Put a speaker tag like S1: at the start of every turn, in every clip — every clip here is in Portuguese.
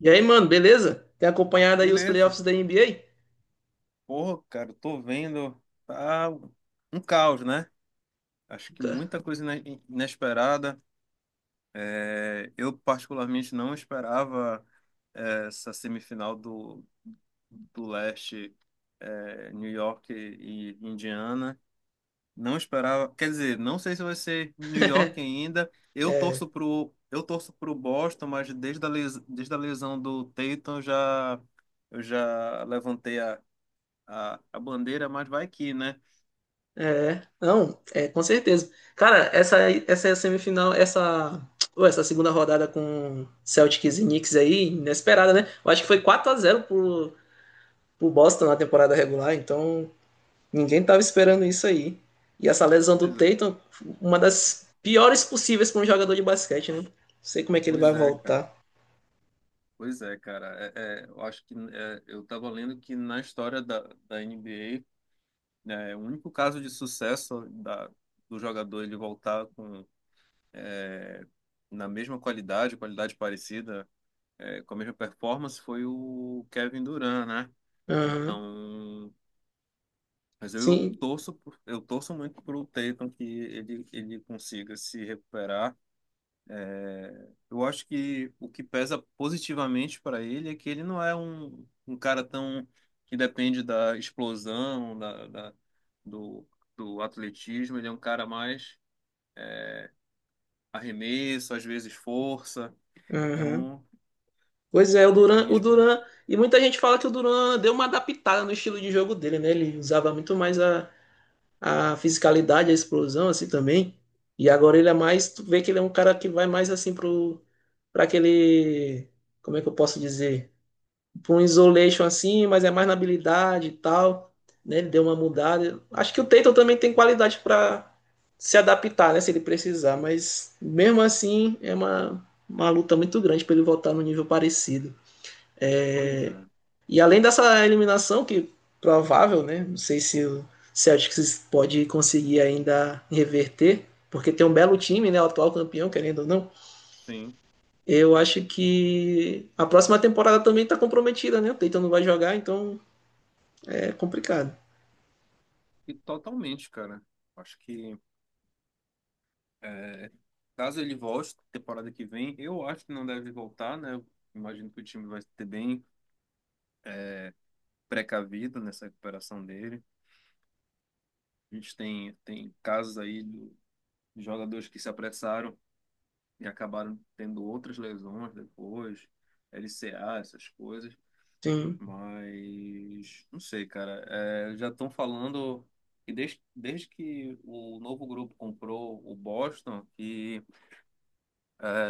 S1: E aí, mano, beleza? Tem acompanhado aí os
S2: Beleza.
S1: playoffs da NBA?
S2: Porra, cara, eu tô vendo. Tá um caos, né? Acho que muita coisa inesperada. É, eu, particularmente, não esperava essa semifinal do leste, New York e Indiana. Não esperava. Quer dizer, não sei se vai ser New York ainda. Eu
S1: É,
S2: torço pro, eu torço pro Boston, mas desde a lesão do Tatum, eu já levantei a bandeira, mas vai que, né?
S1: é, não, é, com certeza. Cara, essa semifinal, pô, essa segunda rodada com Celtics e Knicks aí, inesperada, né? Eu acho que foi 4-0 pro Boston na temporada regular, então ninguém tava esperando isso aí. E essa lesão do Tatum, uma das piores possíveis para um jogador de basquete, né? Não sei como é que ele vai
S2: Pois é, cara.
S1: voltar.
S2: Pois é, cara. É, eu acho que eu estava lendo que na história da NBA, né, o único caso de sucesso da, do jogador ele voltar com, na mesma qualidade, qualidade parecida, com a mesma performance, foi o Kevin Durant, né?
S1: Aham.
S2: Então, mas eu
S1: Sim.
S2: torço, por- eu torço muito pro Tatum, que ele consiga se recuperar. Eu acho que o que pesa positivamente para ele é que ele não é um cara tão que depende da explosão, do, do atletismo. Ele é um cara mais arremesso, às vezes força.
S1: Aham.
S2: Então,
S1: Pois é,
S2: a minha esperança.
S1: E muita gente fala que o Duran deu uma adaptada no estilo de jogo dele, né? Ele usava muito mais a fisicalidade, a explosão, assim também. E agora ele é mais, tu vê que ele é um cara que vai mais assim pra aquele, como é que eu posso dizer? Pra um isolation assim, mas é mais na habilidade e tal, né? Ele deu uma mudada. Acho que o Tatum também tem qualidade pra se adaptar, né? Se ele precisar, mas mesmo assim é uma luta muito grande pra ele voltar no nível parecido.
S2: Pois é,
S1: E além dessa eliminação, que provável, né? Não sei se o Celtics pode conseguir ainda reverter, porque tem um belo time, né? O atual campeão, querendo ou não.
S2: sim.
S1: Eu acho que a próxima temporada também está comprometida, né? O Tatum não vai jogar, então é complicado.
S2: E totalmente, cara. Acho que é, caso ele volte temporada que vem, eu acho que não deve voltar, né? Eu imagino que o time vai ter bem precavido nessa recuperação dele. A gente tem casos aí de jogadores que se apressaram e acabaram tendo outras lesões depois, LCA, essas coisas.
S1: Sim.
S2: Mas não sei, cara. É, já estão falando que desde que o novo grupo comprou o Boston, que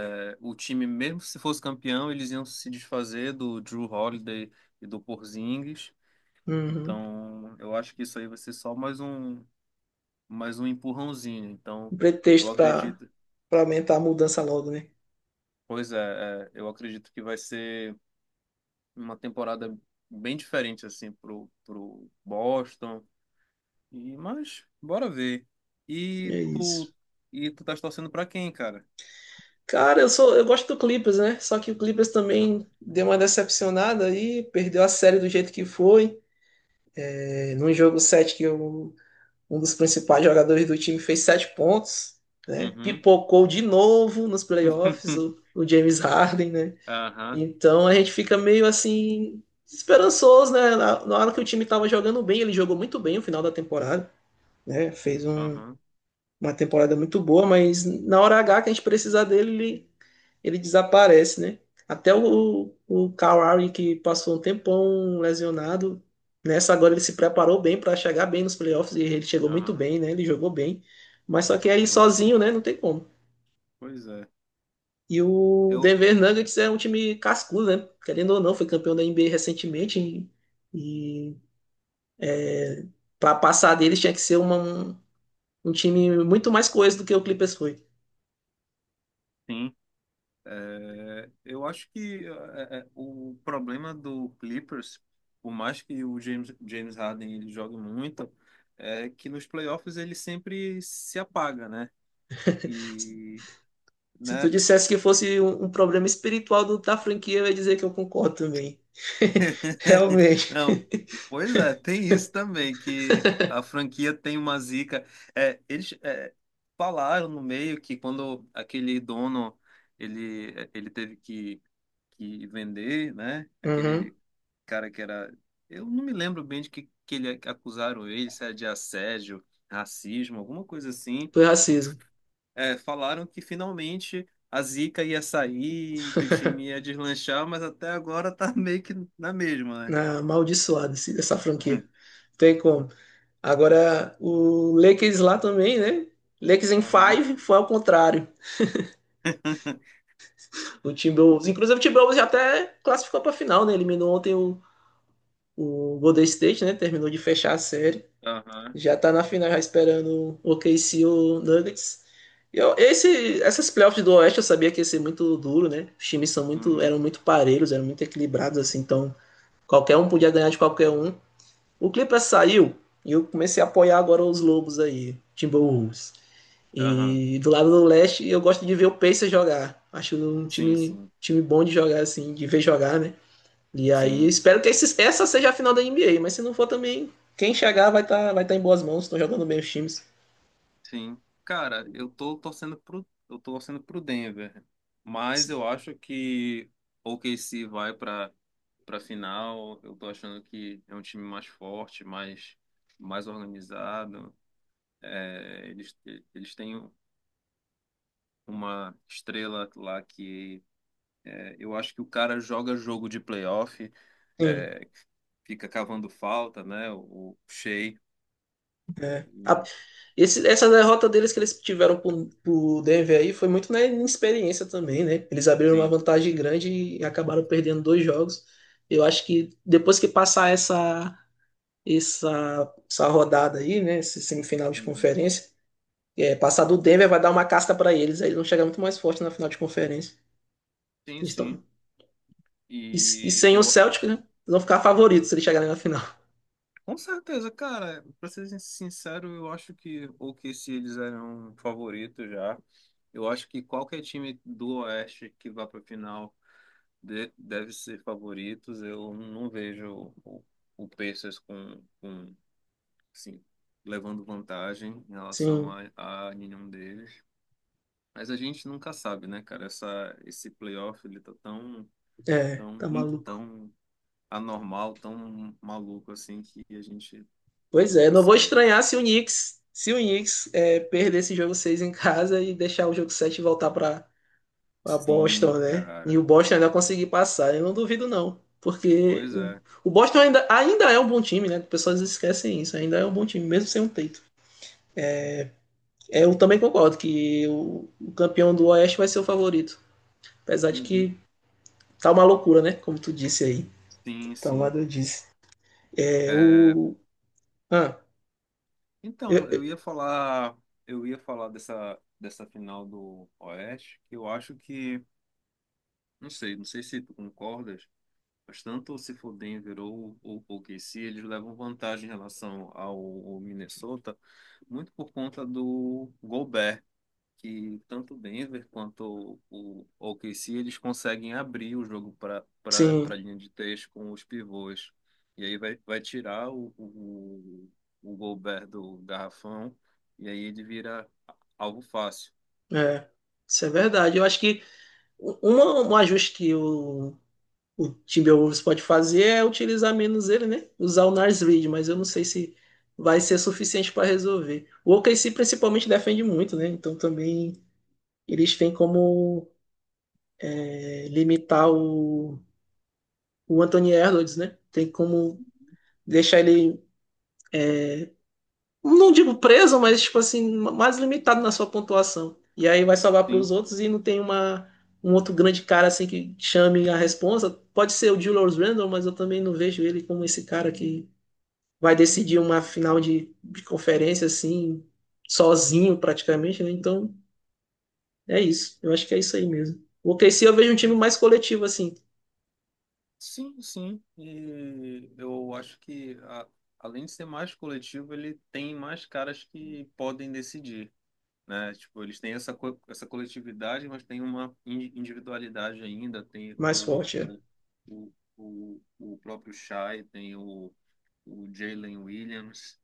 S2: é, o time, mesmo se fosse campeão, eles iam se desfazer do Drew Holiday e do Porzingis.
S1: Uhum.
S2: Então, eu acho que isso aí vai ser só mais um empurrãozinho.
S1: Um
S2: Então, eu
S1: pretexto para
S2: acredito.
S1: para aumentar a mudança logo, né?
S2: Pois é, eu acredito que vai ser uma temporada bem diferente assim pro Boston. E mas bora ver.
S1: E
S2: E
S1: é
S2: tu
S1: isso.
S2: e tu tá torcendo pra quem, cara?
S1: Cara, eu gosto do Clippers, né? Só que o Clippers
S2: Aham.
S1: também deu uma decepcionada aí, perdeu a série do jeito que foi. É, num jogo 7 que eu um dos principais jogadores do time fez sete pontos, né?
S2: Uhum.
S1: Pipocou de novo nos playoffs o, o James Harden, né?
S2: Aham.
S1: Então a gente fica meio assim esperançoso, né? Na hora que o time estava jogando bem, ele jogou muito bem no final da temporada, né? Fez
S2: Aham.
S1: uma temporada muito boa, mas na hora H que a gente precisar dele, ele desaparece, né? Até o Kawhi, que passou um tempão lesionado, nessa agora ele se preparou bem para chegar bem nos playoffs e ele chegou muito
S2: Aham.
S1: bem, né? Ele jogou bem, mas só
S2: Pô,
S1: que
S2: jogou
S1: aí
S2: muito.
S1: sozinho, né? Não tem como.
S2: Pois é.
S1: E o
S2: Eu
S1: Denver Nuggets é um time cascudo, né? Querendo ou não, foi campeão da NBA recentemente e para passar deles tinha que ser um time muito mais coeso do que o Clippers foi.
S2: sim. É, eu acho que o problema do Clippers, por mais que o James Harden ele jogue muito, é que nos playoffs ele sempre se apaga, né? E,
S1: Se tu
S2: né?
S1: dissesse que fosse um problema espiritual da franquia, eu ia dizer que eu concordo também. Realmente.
S2: Não, pois é, tem isso também, que a franquia tem uma zica. É, eles falaram no meio que quando aquele dono, ele teve que vender, né?
S1: Uhum.
S2: Aquele cara que era. Eu não me lembro bem de que ele, que acusaram ele, se era de assédio, racismo, alguma coisa assim.
S1: Foi racismo.
S2: É, falaram que finalmente a Zica ia sair, que o time ia deslanchar, mas até agora tá meio que na mesma, né?
S1: Ah, amaldiçoado essa franquia. Tem como. Agora, o Lakers lá também, né? Lakers em
S2: Aham.
S1: five foi ao contrário. O Timberwolves, inclusive o Timberwolves já até classificou para final, né? Eliminou ontem o Golden State, né? Terminou de fechar a série.
S2: Aham.
S1: Já tá na final já esperando o OKC ou Nuggets. E essas playoffs do Oeste eu sabia que ia ser muito duro, né? Os times
S2: Uhum.
S1: eram muito parelhos, eram muito equilibrados, assim, então qualquer um podia ganhar de qualquer um. O Clippers saiu e eu comecei a apoiar agora os Lobos aí, Timberwolves.
S2: Aham.
S1: E do lado do Leste eu gosto de ver o Pacers jogar. Acho um
S2: Sim,
S1: time,
S2: sim.
S1: time bom de jogar, assim, de ver jogar, né? E aí
S2: Sim.
S1: espero que essa seja a final da NBA, mas se não for também, quem chegar vai tá em boas mãos, estão jogando bem os times.
S2: Sim. Cara, eu tô torcendo pro Denver, mas eu acho que o OKC vai para para final. Eu tô achando que é um time mais forte, mais organizado. É, eles têm uma estrela lá que eu acho que o cara joga jogo de playoff,
S1: Sim,
S2: é, fica cavando falta, né? O Shea.
S1: é. A-
S2: E-
S1: esse- essa derrota deles que eles tiveram pro Denver aí foi muito na inexperiência também, né? Eles abriram uma
S2: Sim.
S1: vantagem grande e acabaram perdendo dois jogos. Eu acho que depois que passar essa rodada aí, né? Esse semifinal de
S2: Uhum.
S1: conferência, é, passar do Denver vai dar uma casca para eles, aí eles vão chegar muito mais forte na final de conferência.
S2: Sim,
S1: Eles estão
S2: sim.
S1: E
S2: E
S1: sem o
S2: eu.
S1: Celtic, né? Eles vão ficar favoritos se eles chegarem na final.
S2: Com certeza, cara, pra ser sincero, eu acho que, ou que se eles eram favoritos já, eu acho que qualquer time do Oeste que vá pra final deve ser favoritos. Eu não vejo o Pacers com, assim, levando vantagem em relação
S1: Sim,
S2: a nenhum deles. Mas a gente nunca sabe, né, cara? Esse playoff, ele tá
S1: é, tá
S2: tão,
S1: maluco.
S2: tão anormal, tão maluco assim, que a gente
S1: Pois é,
S2: nunca
S1: não vou
S2: sabe.
S1: estranhar se o Knicks é, perder esse jogo 6 em casa e deixar o jogo 7 voltar para pra
S2: Sim,
S1: Boston, né? E o
S2: cara.
S1: Boston ainda conseguir passar, eu não duvido não, porque
S2: Pois
S1: o,
S2: é.
S1: o Boston ainda é um bom time, né? As pessoas esquecem isso, ainda é um bom time, mesmo sem um Tatum. É, Eu também concordo que o campeão do Oeste vai ser o favorito. Apesar de
S2: Uhum.
S1: que tá uma loucura, né? Como tu disse aí.
S2: Sim,
S1: Então, lá
S2: sim.
S1: eu disse. É
S2: É,
S1: o. Ah, eu-
S2: então, eu
S1: eu-
S2: ia falar, eu ia falar dessa final do Oeste, que eu acho que, não sei se tu concordas, mas tanto se for Denver ou OKC, eles levam vantagem em relação ao Minnesota, muito por conta do Gobert, que tanto o Denver quanto o OKC eles conseguem abrir o jogo para a
S1: sim,
S2: linha de três com os pivôs. E aí vai tirar o Gobert do garrafão, e aí ele vira algo fácil.
S1: é. Isso é verdade. Eu acho que um ajuste que o Timberwolves pode fazer é utilizar menos ele, né? Usar o Nars Reed, mas eu não sei se vai ser suficiente para resolver. O OKC principalmente defende muito, né? Então também eles têm como é, limitar o Anthony Edwards, né? Tem como deixar ele, não digo preso, mas tipo assim, mais limitado na sua pontuação. E aí vai salvar para os
S2: Sim,
S1: outros e não tem um outro grande cara assim que chame a responsa. Pode ser o Julius Randle, mas eu também não vejo ele como esse cara que vai decidir uma final de conferência assim, sozinho praticamente, né? Então é isso. Eu acho que é isso aí mesmo. O OKC eu vejo um time
S2: pois é.
S1: mais coletivo assim,
S2: Sim, sim. E eu acho que, além de ser mais coletivo, ele tem mais caras que podem decidir. Né? Tipo, eles têm essa coletividade, mas tem uma individualidade ainda, tem
S1: mais
S2: o,
S1: forte. É.
S2: o, o, o, o próprio Shai, tem o Jalen Williams,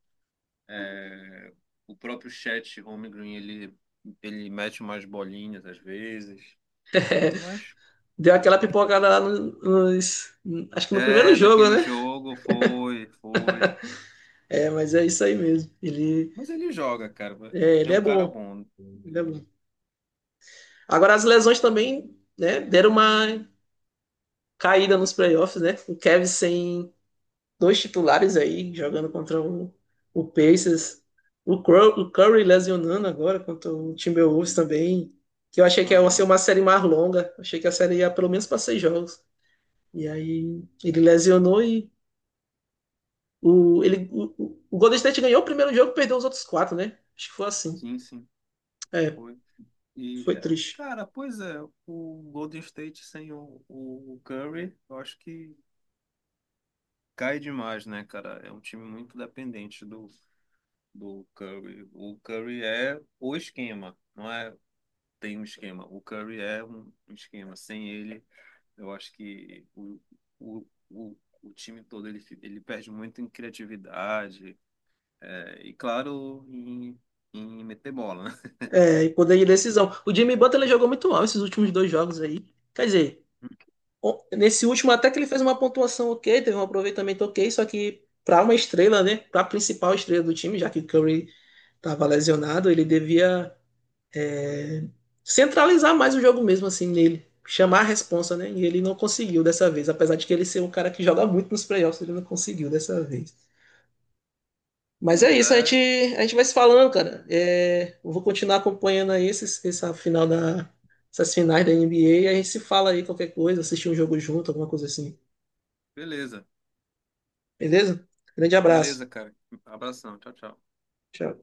S2: é, o próprio Chet Holmgren, ele mete umas bolinhas às vezes, então, mas
S1: Deu aquela pipocada lá acho que no primeiro jogo,
S2: naquele
S1: né?
S2: jogo foi,
S1: É, mas é isso aí mesmo. Ele
S2: mas ele joga, cara,
S1: É, ele
S2: é
S1: é
S2: um cara
S1: bom.
S2: bom.
S1: Ele é bom. Agora as lesões também, né, deram uma caída nos playoffs, né? O Kevin sem dois titulares aí, jogando contra o Pacers. O Curry lesionando agora contra o Timberwolves também. Que eu achei que ia ser
S2: Aham.
S1: uma série mais longa. Achei que a série ia pelo menos para seis jogos. E aí ele lesionou e o Golden State ganhou o primeiro jogo e perdeu os outros quatro, né? Acho que foi assim.
S2: Sim, sim.
S1: É,
S2: Foi. E,
S1: foi triste.
S2: cara, pois é, o Golden State sem o Curry, eu acho que cai demais, né, cara? É um time muito dependente do Curry. O Curry é o esquema, não é, tem um esquema. O Curry é um esquema. Sem ele, eu acho que o, o, o time todo, ele perde muito em criatividade, e claro, em meter bola, né?
S1: É, e poder de decisão. O Jimmy Butler jogou muito mal esses últimos dois jogos aí. Quer dizer, nesse último até que ele fez uma pontuação ok, teve um aproveitamento ok, só que para uma estrela, né, para a principal estrela do time, já que o Curry estava lesionado, ele devia é, centralizar mais o jogo mesmo assim nele, chamar a
S2: Aham.
S1: responsa, né? E ele não conseguiu dessa vez, apesar de que ele ser um cara que joga muito nos playoffs, ele não conseguiu dessa vez. Mas é
S2: Pois
S1: isso, a gente,
S2: é,
S1: a gente vai se falando, cara. É, eu vou continuar acompanhando aí esses, essa final da, essas finais da NBA e a gente se fala aí qualquer coisa, assistir um jogo junto, alguma coisa assim.
S2: beleza.
S1: Beleza? Grande
S2: Beleza,
S1: abraço.
S2: cara. Abração. Tchau, tchau.
S1: Tchau.